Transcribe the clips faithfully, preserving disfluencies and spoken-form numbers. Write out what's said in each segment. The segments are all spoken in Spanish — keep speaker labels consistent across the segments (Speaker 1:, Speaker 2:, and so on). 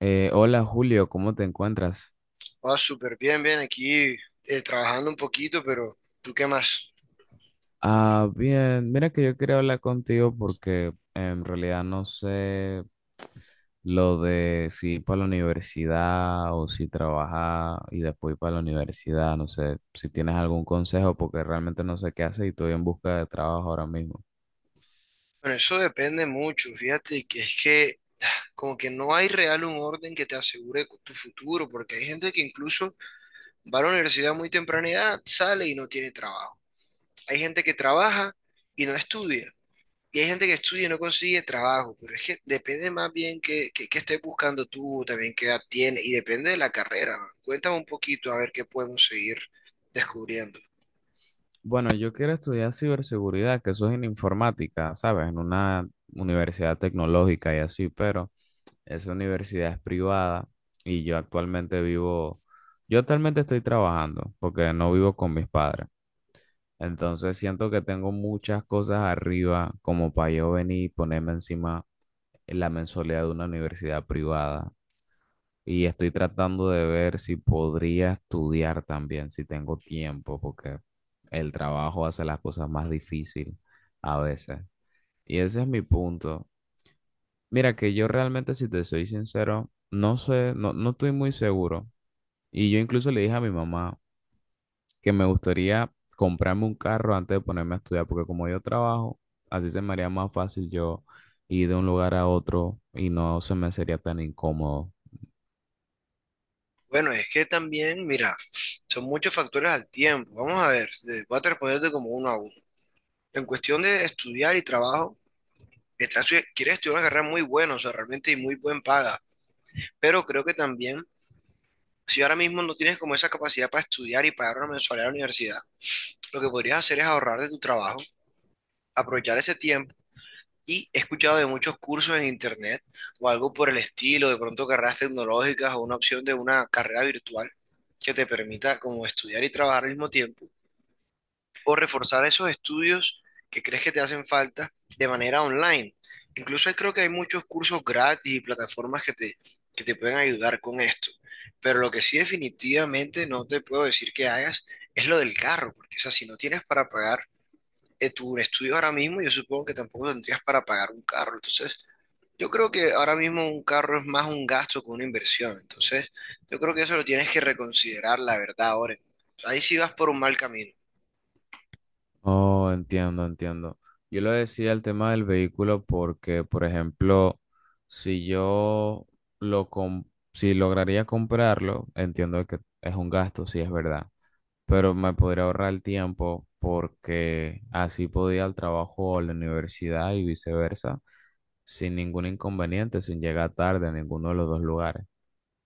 Speaker 1: Eh, hola Julio, ¿cómo te encuentras?
Speaker 2: Ah, súper bien, bien, aquí eh, trabajando un poquito, pero ¿tú qué más?
Speaker 1: Ah, bien, mira que yo quería hablar contigo porque en realidad no sé lo de si ir para la universidad o si trabajar y después ir para la universidad, no sé si tienes algún consejo porque realmente no sé qué hacer y estoy en busca de trabajo ahora mismo.
Speaker 2: Bueno, eso depende mucho, fíjate que es que como que no hay real un orden que te asegure cu- tu futuro, porque hay gente que incluso va a la universidad a muy temprana edad, sale y no tiene trabajo. Hay gente que trabaja y no estudia, y hay gente que estudia y no consigue trabajo, pero es que depende más bien que, que, que estés buscando tú, también qué edad tienes, y depende de la carrera, ¿no? Cuéntame un poquito a ver qué podemos seguir descubriendo.
Speaker 1: Bueno, yo quiero estudiar ciberseguridad, que eso es en informática, ¿sabes? En una universidad tecnológica y así, pero... Esa universidad es privada y yo actualmente vivo, yo actualmente estoy trabajando porque no vivo con mis padres. Entonces siento que tengo muchas cosas arriba como para yo venir y ponerme encima la mensualidad de una universidad privada. Y estoy tratando de ver si podría estudiar también, si tengo tiempo, porque el trabajo hace las cosas más difícil a veces. Y ese es mi punto. Mira que yo realmente, si te soy sincero, no sé, no, no estoy muy seguro. Y yo incluso le dije a mi mamá que me gustaría comprarme un carro antes de ponerme a estudiar, porque como yo trabajo, así se me haría más fácil yo ir de un lugar a otro y no se me sería tan incómodo.
Speaker 2: Bueno, es que también, mira, son muchos factores al tiempo. Vamos a ver, eh, voy a responderte como uno a uno. En cuestión de estudiar y trabajo, estás estudi- quieres estudiar una carrera muy buena, o sea, realmente y muy buen paga. Pero creo que también, si ahora mismo no tienes como esa capacidad para estudiar y pagar una mensualidad a la universidad, lo que podrías hacer es ahorrar de tu trabajo, aprovechar ese tiempo. Y he escuchado de muchos cursos en internet o algo por el estilo, de pronto carreras tecnológicas o una opción de una carrera virtual que te permita como estudiar y trabajar al mismo tiempo o reforzar esos estudios que crees que te hacen falta de manera online. Incluso creo que hay muchos cursos gratis y plataformas que te, que te pueden ayudar con esto. Pero lo que sí definitivamente no te puedo decir que hagas es lo del carro, porque o sea, si no tienes para pagar eh, tu estudio ahora mismo, yo supongo que tampoco tendrías para pagar un carro. Entonces, yo creo que ahora mismo un carro es más un gasto que una inversión. Entonces, yo creo que eso lo tienes que reconsiderar, la verdad, ahora. Ahí sí vas por un mal camino.
Speaker 1: Oh, entiendo, entiendo. Yo lo decía el tema del vehículo porque, por ejemplo, si yo lo com- si lograría comprarlo, entiendo que es un gasto, sí es verdad. Pero me podría ahorrar el tiempo porque así podía ir al trabajo o a la universidad y viceversa sin ningún inconveniente, sin llegar tarde a ninguno de los dos lugares.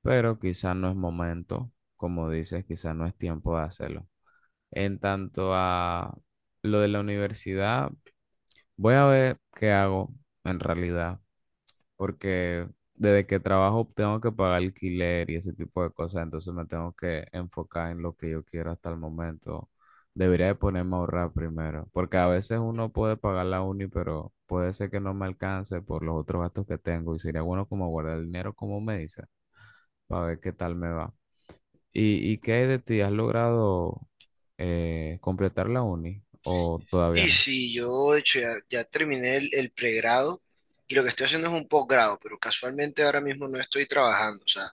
Speaker 1: Pero quizás no es momento, como dices, quizás no es tiempo de hacerlo. En tanto a lo de la universidad, voy a ver qué hago en realidad, porque desde que trabajo tengo que pagar alquiler y ese tipo de cosas, entonces me tengo que enfocar en lo que yo quiero hasta el momento. Debería de ponerme a ahorrar primero, porque a veces uno puede pagar la uni, pero puede ser que no me alcance por los otros gastos que tengo y sería bueno como guardar el dinero, como me dice, para ver qué tal me va. ¿Y, y qué hay de ti? ¿Has logrado eh, completar la uni o todavía
Speaker 2: Sí,
Speaker 1: no?
Speaker 2: sí, yo de hecho ya, ya terminé el, el pregrado y lo que estoy haciendo es un posgrado, pero casualmente ahora mismo no estoy trabajando, o sea,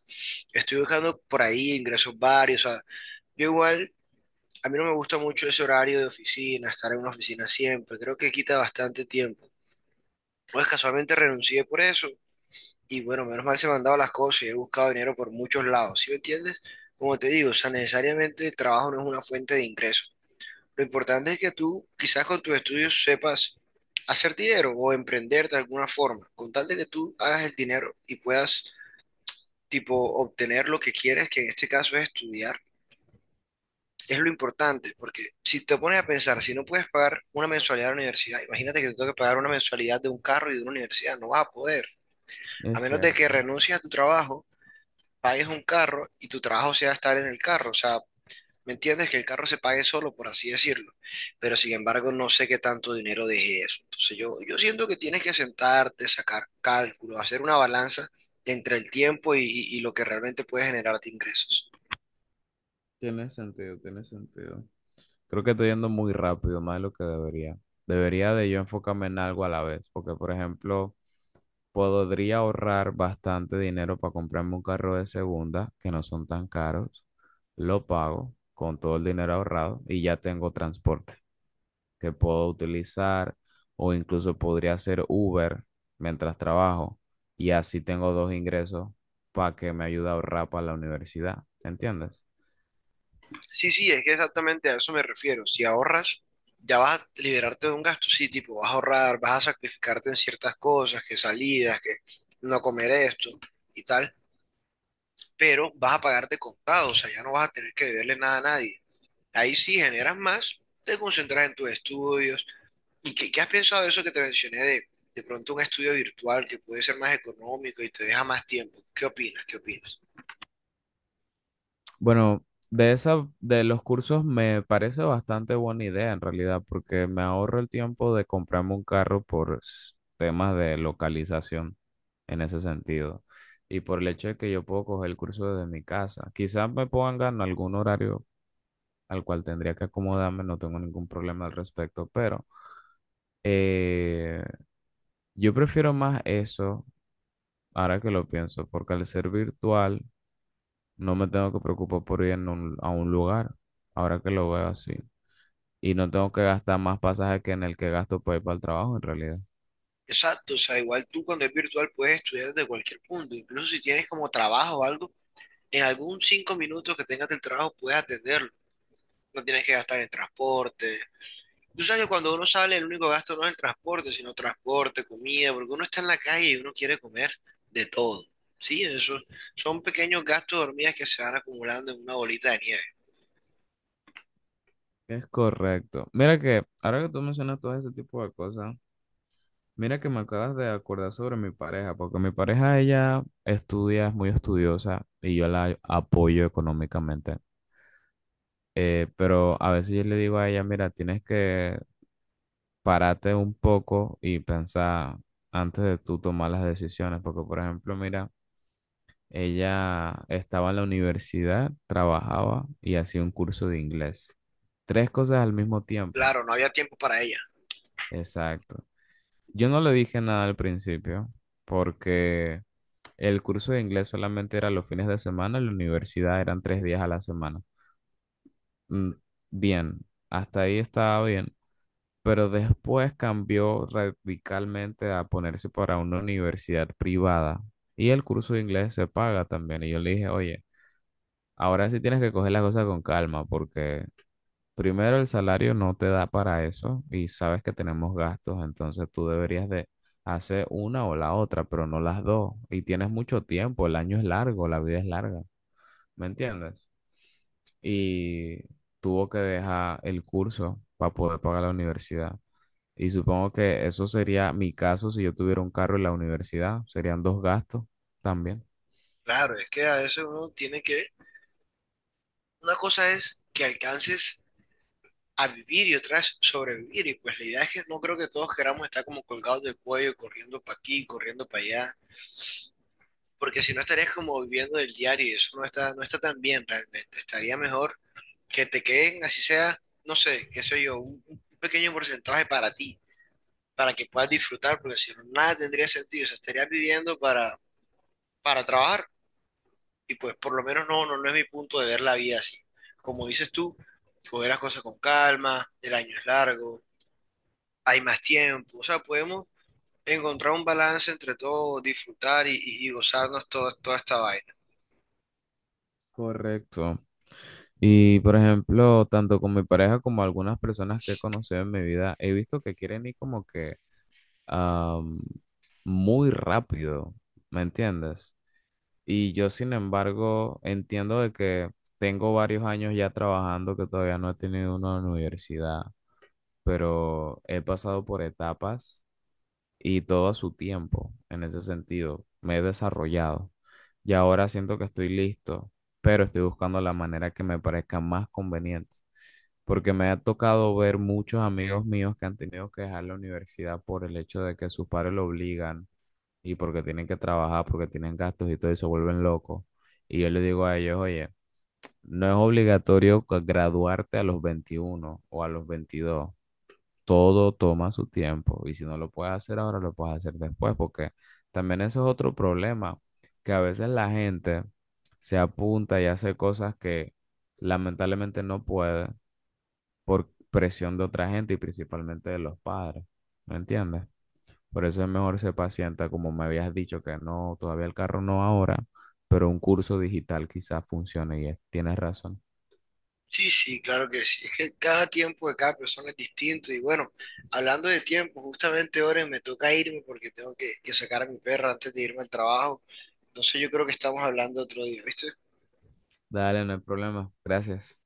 Speaker 2: estoy buscando por ahí ingresos varios, o sea, yo igual, a mí no me gusta mucho ese horario de oficina, estar en una oficina siempre, creo que quita bastante tiempo. Pues casualmente renuncié por eso y bueno, menos mal se me han dado las cosas y he buscado dinero por muchos lados, ¿sí me entiendes? Como te digo, o sea, necesariamente el trabajo no es una fuente de ingresos. Lo importante es que tú, quizás con tus estudios, sepas hacer dinero o emprender de alguna forma, con tal de que tú hagas el dinero y puedas, tipo, obtener lo que quieres, que en este caso es estudiar, es lo importante, porque si te pones a pensar, si no puedes pagar una mensualidad de la universidad, imagínate que te toque pagar una mensualidad de un carro y de una universidad, no vas a poder, a
Speaker 1: Es
Speaker 2: menos de que
Speaker 1: cierto,
Speaker 2: renuncies a tu trabajo, pagues un carro y tu trabajo sea estar en el carro, o sea, ¿me entiendes? Que el carro se pague solo, por así decirlo. Pero sin embargo, no sé qué tanto dinero deje eso. Entonces yo, yo siento que tienes que sentarte, sacar cálculos, hacer una balanza entre el tiempo y, y- y lo que realmente puede generarte ingresos.
Speaker 1: tiene sentido, tiene sentido. Creo que estoy yendo muy rápido, más de lo que debería. Debería de yo enfocarme en algo a la vez, porque por ejemplo, podría ahorrar bastante dinero para comprarme un carro de segunda, que no son tan caros. Lo pago con todo el dinero ahorrado y ya tengo transporte que puedo utilizar o incluso podría hacer Uber mientras trabajo y así tengo dos ingresos para que me ayude a ahorrar para la universidad. ¿Entiendes?
Speaker 2: Sí, sí, es que exactamente a eso me refiero. Si ahorras, ya vas a liberarte de un gasto, sí, tipo, vas a ahorrar, vas a sacrificarte en ciertas cosas, que salidas, que no comer esto y tal, pero vas a pagarte contado, o sea, ya no vas a tener que deberle nada a nadie. Ahí sí generas más, te concentras en tus estudios. ¿Y qué, qué has pensado de eso que te mencioné de, de pronto un estudio virtual que puede ser más económico y te deja más tiempo? ¿Qué opinas? ¿Qué opinas?
Speaker 1: Bueno, de esa, de los cursos me parece bastante buena idea en realidad, porque me ahorro el tiempo de comprarme un carro por s- temas de localización en ese sentido. Y por el hecho de que yo puedo coger el curso desde mi casa. Quizás me pongan algún horario al cual tendría que acomodarme, no tengo ningún problema al respecto, pero eh, yo prefiero más eso, ahora que lo pienso, porque al ser virtual no me tengo que preocupar por ir en un- a un lugar, ahora que lo veo así. Y no tengo que gastar más pasaje que en el que gasto para ir para el trabajo en realidad.
Speaker 2: Exacto, o sea, igual tú cuando es virtual puedes estudiar desde cualquier punto, incluso si tienes como trabajo o algo, en algún cinco minutos que tengas del trabajo puedes atenderlo, no tienes que gastar en transporte. Tú sabes que cuando uno sale, el único gasto no es el transporte, sino transporte, comida, porque uno está en la calle y uno quiere comer de todo. Sí, esos son pequeños gastos de hormigas que se van acumulando en una bolita de nieve.
Speaker 1: Es correcto. Mira que ahora que tú mencionas todo ese tipo de cosas, mira que me acabas de acordar sobre mi pareja, porque mi pareja ella estudia, es muy estudiosa y yo la apoyo económicamente. Eh, pero a veces yo le digo a ella, mira, tienes que pararte un poco y pensar antes de tú tomar las decisiones, porque por ejemplo, mira, ella estaba en la universidad, trabajaba y hacía un curso de inglés. Tres cosas al mismo tiempo.
Speaker 2: Claro, no había tiempo para ella.
Speaker 1: Exacto. Yo no le dije nada al principio porque el curso de inglés solamente era los fines de semana, la universidad eran tres días a la semana. Mm, Bien, hasta ahí estaba bien, pero después cambió radicalmente a ponerse para una universidad privada y el curso de inglés se paga también. Y yo le dije, oye, ahora sí tienes que coger las cosas con calma porque, primero, el salario no te da para eso y sabes que tenemos gastos, entonces tú deberías de hacer una o la otra, pero no las dos. Y tienes mucho tiempo, el año es largo, la vida es larga, ¿me entiendes? Y tuvo que dejar el curso para poder pagar la universidad. Y supongo que eso sería mi caso si yo tuviera un carro en la universidad, serían dos gastos también.
Speaker 2: Claro, es que a veces uno tiene que... Una cosa es que alcances a vivir y otra es sobrevivir. Y pues la idea es que no creo que todos queramos estar como colgados del cuello, corriendo para aquí, corriendo para allá, porque si no estarías como viviendo del diario y eso no está, no está tan bien realmente. Estaría mejor que te queden, así sea, no sé, qué sé yo, un, un pequeño porcentaje para ti, para que puedas disfrutar, porque si no, nada tendría sentido, o sea, estarías viviendo para, para trabajar y pues por lo menos no, no, no es mi punto de ver la vida así. Como dices tú, coger las cosas con calma, el año es largo, hay más tiempo, o sea, podemos encontrar un balance entre todo, disfrutar y, y- y gozarnos toda, toda esta vaina.
Speaker 1: Correcto. Y por ejemplo, tanto con mi pareja como algunas personas que he conocido en mi vida, he visto que quieren ir como que am, muy rápido, ¿me entiendes? Y yo, sin embargo, entiendo de que tengo varios años ya trabajando que todavía no he tenido una universidad, pero he pasado por etapas y todo a su tiempo en ese sentido. Me he desarrollado y ahora siento que estoy listo, pero estoy buscando la manera que me parezca más conveniente, porque me ha tocado ver muchos amigos míos que han tenido que dejar la universidad por el hecho de que sus padres lo obligan y porque tienen que trabajar, porque tienen gastos y todo y se vuelven locos. Y yo les digo a ellos, oye, no es obligatorio graduarte a los veintiuno o a los veintidós, todo toma su tiempo y si no lo puedes hacer ahora, lo puedes hacer después, porque también eso es otro problema, que a veces la gente se apunta y hace cosas que lamentablemente no puede por presión de otra gente y principalmente de los padres, ¿me entiendes? Por eso es mejor ser paciente, como me habías dicho que no, todavía el carro no ahora, pero un curso digital quizás funcione y es- tienes razón.
Speaker 2: Sí, sí, claro que sí. Es que cada tiempo de cada persona es distinto. Y bueno, hablando de tiempo, justamente ahora me toca irme porque tengo que, que sacar a mi perra antes de irme al trabajo. Entonces yo creo que estamos hablando otro día, ¿viste?
Speaker 1: Dale, no hay problema. Gracias.